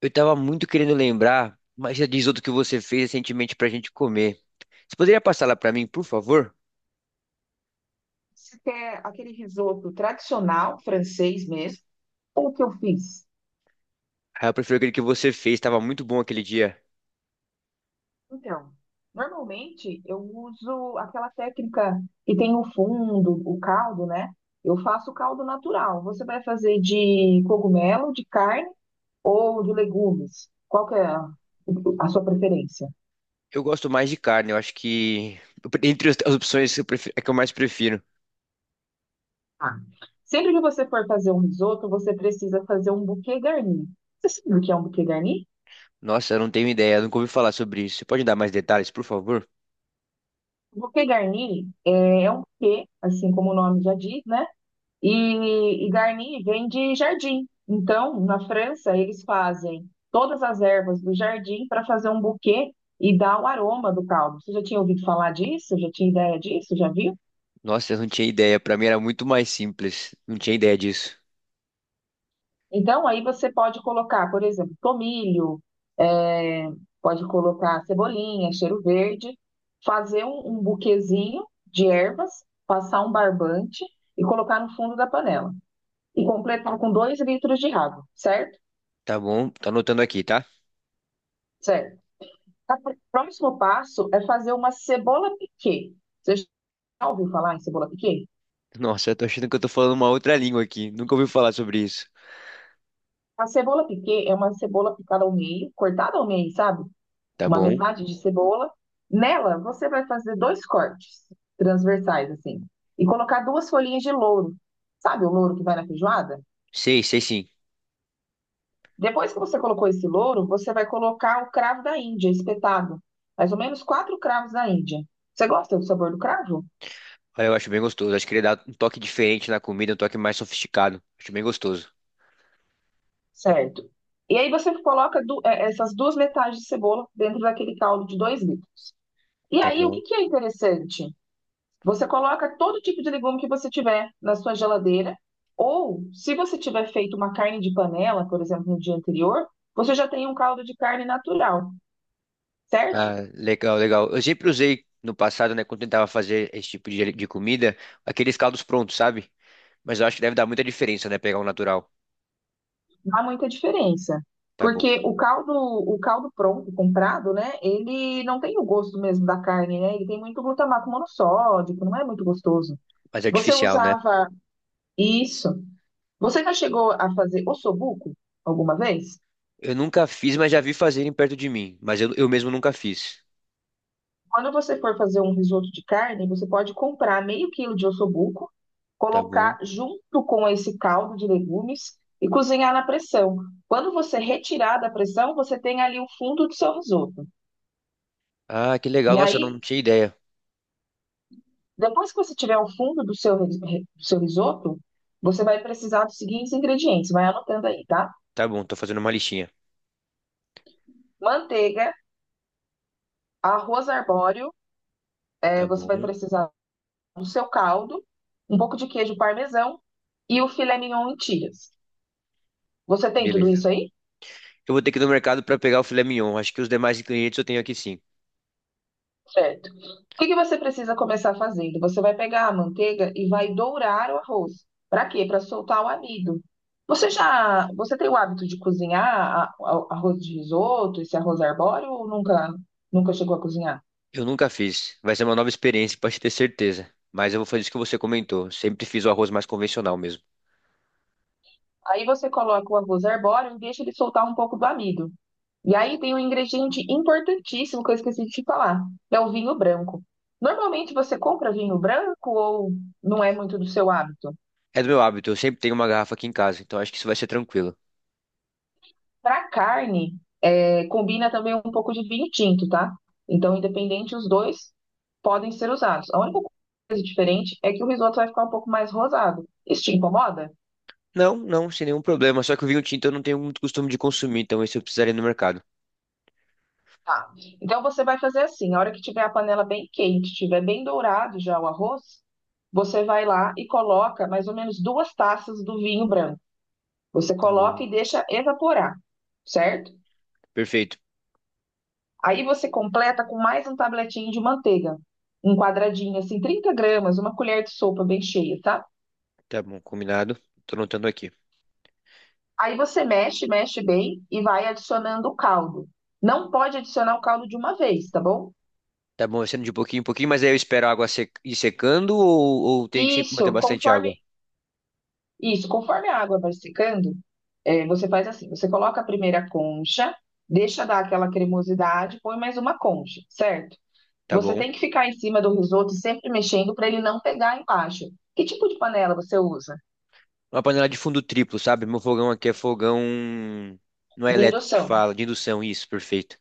Eu tava muito querendo lembrar, mas já diz outro que você fez recentemente pra gente comer. Você poderia passar lá pra mim, por favor? Você quer aquele risoto tradicional, francês mesmo, ou o que eu fiz? Ah, eu prefiro aquele que você fez, tava muito bom aquele dia. Então, normalmente eu uso aquela técnica que tem o fundo, o caldo, né? Eu faço o caldo natural. Você vai fazer de cogumelo, de carne ou de legumes? Qual que é a sua preferência? Eu gosto mais de carne, eu acho que eu entre as opções eu prefiro, é que eu mais prefiro. Ah, sempre que você for fazer um risoto, você precisa fazer um bouquet garni. Você sabe o que é um bouquet garni? Nossa, eu não tenho ideia, eu nunca ouvi falar sobre isso. Você pode dar mais detalhes, por favor? O bouquet garni é um buquê, assim como o nome já diz, né? E Garni vem de jardim. Então, na França, eles fazem todas as ervas do jardim para fazer um buquê e dar o aroma do caldo. Você já tinha ouvido falar disso? Já tinha ideia disso? Já viu? Nossa, eu não tinha ideia, pra mim era muito mais simples. Não tinha ideia disso. Então, aí você pode colocar, por exemplo, tomilho, é, pode colocar cebolinha, cheiro verde, fazer um buquezinho de ervas, passar um barbante e colocar no fundo da panela. E completar com dois litros de água, certo? Tá bom, tá anotando aqui, tá? Certo. Tá, próximo passo é fazer uma cebola piquê. Você já ouviu falar em cebola piquê? Nossa, eu tô achando que eu tô falando uma outra língua aqui. Nunca ouvi falar sobre isso. A cebola piquê é uma cebola picada ao meio, cortada ao meio, sabe? Tá Uma bom? metade de cebola. Nela, você vai fazer dois cortes transversais, assim, e colocar duas folhinhas de louro. Sabe o louro que vai na feijoada? Sei, sei sim. Depois que você colocou esse louro, você vai colocar o cravo da Índia, espetado. Mais ou menos quatro cravos da Índia. Você gosta do sabor do cravo? Olha, eu acho bem gostoso. Acho que ele dá um toque diferente na comida, um toque mais sofisticado. Acho bem gostoso. Certo. E aí você coloca essas duas metades de cebola dentro daquele caldo de dois litros. E Tá aí, o bom. que que é interessante? Você coloca todo tipo de legume que você tiver na sua geladeira, ou se você tiver feito uma carne de panela, por exemplo, no dia anterior, você já tem um caldo de carne natural, certo? Ah, legal, legal. Eu sempre usei no passado, né, quando tentava fazer esse tipo de comida, aqueles caldos prontos, sabe? Mas eu acho que deve dar muita diferença, né, pegar um natural. Não há muita diferença. Tá bom. Porque o caldo pronto, comprado, né? Ele não tem o gosto mesmo da carne, né? Ele tem muito glutamato monossódico, não é muito gostoso. Mas é Você artificial, né? usava. Isso. Você já chegou a fazer ossobuco alguma vez? Eu nunca fiz, mas já vi fazerem perto de mim. Mas eu mesmo nunca fiz. Quando você for fazer um risoto de carne, você pode comprar meio quilo de ossobuco, Tá bom. colocar junto com esse caldo de legumes e cozinhar na pressão. Quando você retirar da pressão, você tem ali o fundo do seu risoto. Ah, que E legal. Nossa, eu não aí, tinha ideia. depois que você tiver o fundo do seu, do seu risoto, você vai precisar dos seguintes ingredientes. Vai anotando aí, tá? Tá bom, tô fazendo uma listinha. Manteiga, arroz arbóreo, Tá você vai bom. precisar do seu caldo, um pouco de queijo parmesão e o filé mignon em tiras. Você tem tudo Beleza. isso aí? Eu vou ter que ir no mercado pra pegar o filé mignon. Acho que os demais ingredientes eu tenho aqui sim. Certo. O que que você precisa começar fazendo? Você vai pegar a manteiga e vai dourar o arroz. Para quê? Para soltar o amido. Você tem o hábito de cozinhar arroz de risoto, esse arroz arbóreo ou nunca chegou a cozinhar? Eu nunca fiz. Vai ser uma nova experiência, pode ter certeza. Mas eu vou fazer isso que você comentou. Sempre fiz o arroz mais convencional mesmo. Aí você coloca o arroz arbóreo e deixa ele soltar um pouco do amido. E aí tem um ingrediente importantíssimo que eu esqueci de te falar, que é o vinho branco. Normalmente você compra vinho branco ou não é muito do seu hábito? É do meu hábito, eu sempre tenho uma garrafa aqui em casa, então acho que isso vai ser tranquilo. Para carne, combina também um pouco de vinho tinto, tá? Então, independente, os dois podem ser usados. A única coisa diferente é que o risoto vai ficar um pouco mais rosado. Isso te incomoda? Não, não, sem nenhum problema. Só que o vinho tinto eu não tenho muito costume de consumir, então esse eu precisaria ir no mercado. Tá. Então você vai fazer assim, a hora que tiver a panela bem quente, tiver bem dourado já o arroz, você vai lá e coloca mais ou menos duas taças do vinho branco. Você Tá coloca bom. e deixa evaporar, certo? Perfeito. Aí você completa com mais um tabletinho de manteiga, um quadradinho assim, 30 gramas, uma colher de sopa bem cheia, tá? Tá bom, combinado. Tô anotando aqui. Aí você mexe, mexe bem e vai adicionando o caldo. Não pode adicionar o caldo de uma vez, tá bom? Tá bom, vai sendo de pouquinho em pouquinho, mas aí eu espero a água ir secando ou tenho que sempre manter Isso, bastante água? conforme isso, conforme a água vai secando, você faz assim: você coloca a primeira concha, deixa dar aquela cremosidade, põe mais uma concha, certo? Tá Você bom. tem que ficar em cima do risoto e sempre mexendo para ele não pegar embaixo. Que tipo de panela você usa? Uma panela de fundo triplo, sabe? Meu fogão aqui é fogão. Não é De elétrico que indução, fala, de indução, isso, perfeito.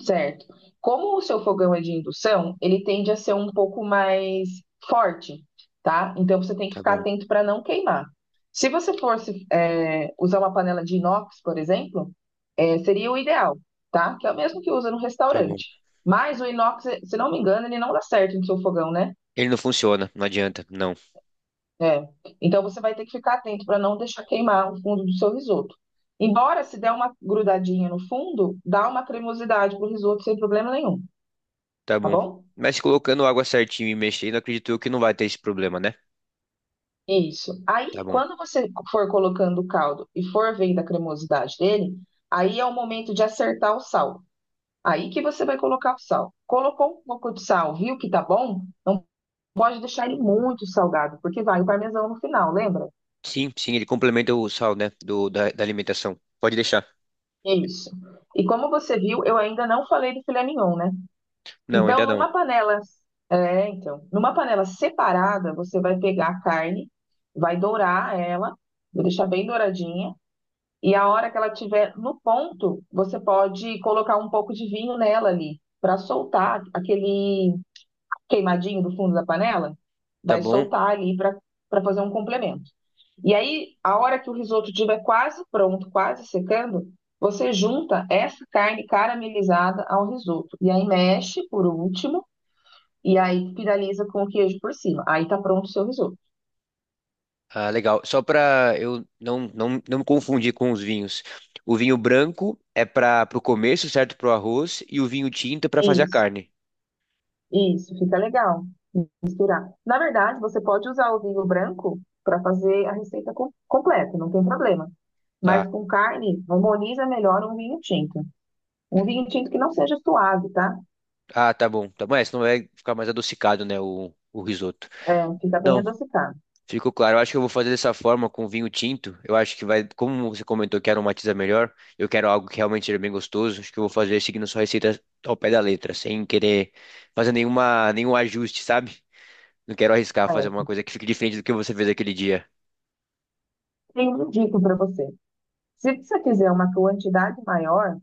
certo? Como o seu fogão é de indução, ele tende a ser um pouco mais forte, tá? Então você tem que Tá ficar bom, atento para não queimar. Se você fosse usar uma panela de inox, por exemplo, seria o ideal, tá? Que é o mesmo que usa no tá bom. restaurante. Mas o inox, se não me engano, ele não dá certo no seu fogão, né? Ele não funciona, não adianta, não. É. Então você vai ter que ficar atento para não deixar queimar o fundo do seu risoto. Embora se der uma grudadinha no fundo, dá uma cremosidade pro risoto sem problema nenhum, Tá tá bom. bom? Mas colocando água certinho e mexendo, acredito eu que não vai ter esse problema, né? Isso. Tá Aí, bom. quando você for colocando o caldo e for vendo a cremosidade dele, aí é o momento de acertar o sal. Aí que você vai colocar o sal. Colocou um pouco de sal, viu que tá bom? Não pode deixar ele muito salgado, porque vai o parmesão no final, lembra? Sim, sim, ele complementa o sal, né? Da alimentação. Pode deixar. Isso. E como você viu, eu ainda não falei do filé mignon, né? Não, Então, ainda não. numa panela, então, numa panela separada, você vai pegar a carne, vai dourar ela, vai deixar bem douradinha, e a hora que ela estiver no ponto, você pode colocar um pouco de vinho nela ali, para soltar aquele queimadinho do fundo da panela, Tá vai bom. soltar ali para fazer um complemento. E aí, a hora que o risoto estiver quase pronto, quase secando, você junta essa carne caramelizada ao risoto. E aí mexe por último e aí finaliza com o queijo por cima. Aí tá pronto o seu risoto. Ah, legal. Só pra eu não me confundir com os vinhos. O vinho branco é para o começo, certo? Pro arroz. E o vinho tinto é pra fazer a Isso, carne. isso, fica legal. Misturar. Na verdade, você pode usar o vinho branco para fazer a receita completa, não tem problema. Tá. Mas com carne, harmoniza melhor um vinho tinto. Um vinho tinto que não seja suave, tá? Ah, tá bom. Tá bom. É, senão vai ficar mais adocicado, né? O risoto. É, fica bem Não. adocicado. Ficou claro. Eu acho que eu vou fazer dessa forma com vinho tinto. Eu acho que vai, como você comentou que aromatiza melhor, eu quero algo que realmente seja bem gostoso. Acho que eu vou fazer seguindo sua receita ao pé da letra, sem querer fazer nenhum ajuste, sabe? Não quero arriscar fazer uma Certo. coisa que fique diferente do que você fez aquele dia. Tenho uma dica para você. Se você fizer uma quantidade maior,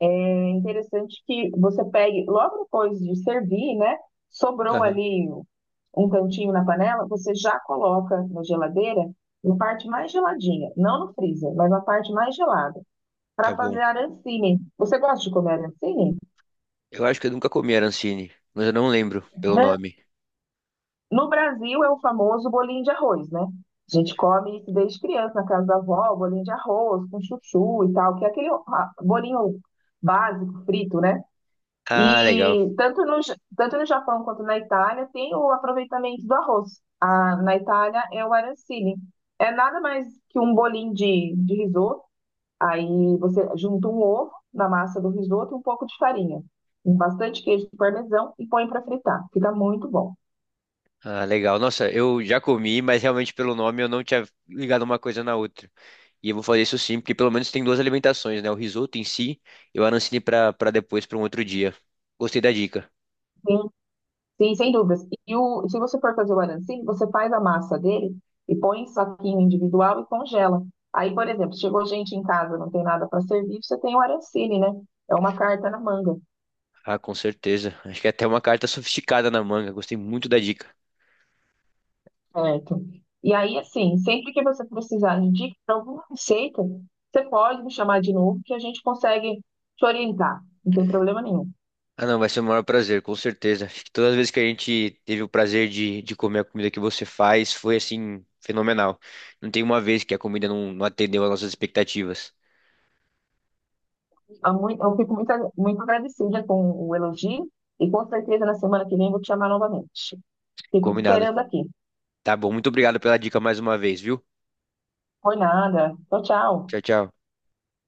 é interessante que você pegue, logo depois de servir, né? Sobrou Aham, ali um cantinho na panela, você já coloca na geladeira, na parte mais geladinha, não no freezer, mas na parte mais gelada, tá para bom. fazer arancine. Você gosta de comer arancine? Eu acho que eu nunca comi arancine, mas eu não lembro pelo Né? nome. No Brasil é o famoso bolinho de arroz, né? A gente come isso desde criança na casa da avó, bolinho de arroz com chuchu e tal, que é aquele bolinho básico, frito, né? Ah, legal. E tanto no Japão quanto na Itália tem o aproveitamento do arroz. Na Itália é o arancine. É nada mais que um bolinho de risoto. Aí você junta um ovo na massa do risoto e um pouco de farinha. Bastante queijo parmesão e põe para fritar. Fica muito bom. Ah, legal. Nossa, eu já comi, mas realmente pelo nome eu não tinha ligado uma coisa na outra. E eu vou fazer isso sim, porque pelo menos tem duas alimentações, né? O risoto em si e o arancine para depois, para um outro dia. Gostei da dica. Tem. Sim, sem dúvidas. Se você for fazer o arancine, você faz a massa dele e põe em saquinho individual e congela. Aí, por exemplo, chegou gente em casa, não tem nada para servir, você tem o arancine, né? É uma carta na manga, Ah, com certeza. Acho que é até uma carta sofisticada na manga. Gostei muito da dica. certo? E aí, assim, sempre que você precisar de dica para alguma receita, você pode me chamar de novo que a gente consegue te orientar. Não tem problema nenhum. Ah, não, vai ser o maior prazer, com certeza. Acho que todas as vezes que a gente teve o prazer de comer a comida que você faz, foi assim, fenomenal. Não tem uma vez que a comida não atendeu às nossas expectativas. Eu fico muito agradecida com o elogio e com certeza na semana que vem vou te chamar novamente. Fico te Combinado. esperando aqui. Tá bom, muito obrigado pela dica mais uma vez, viu? Foi nada. Tchau, tchau. Tchau, tchau.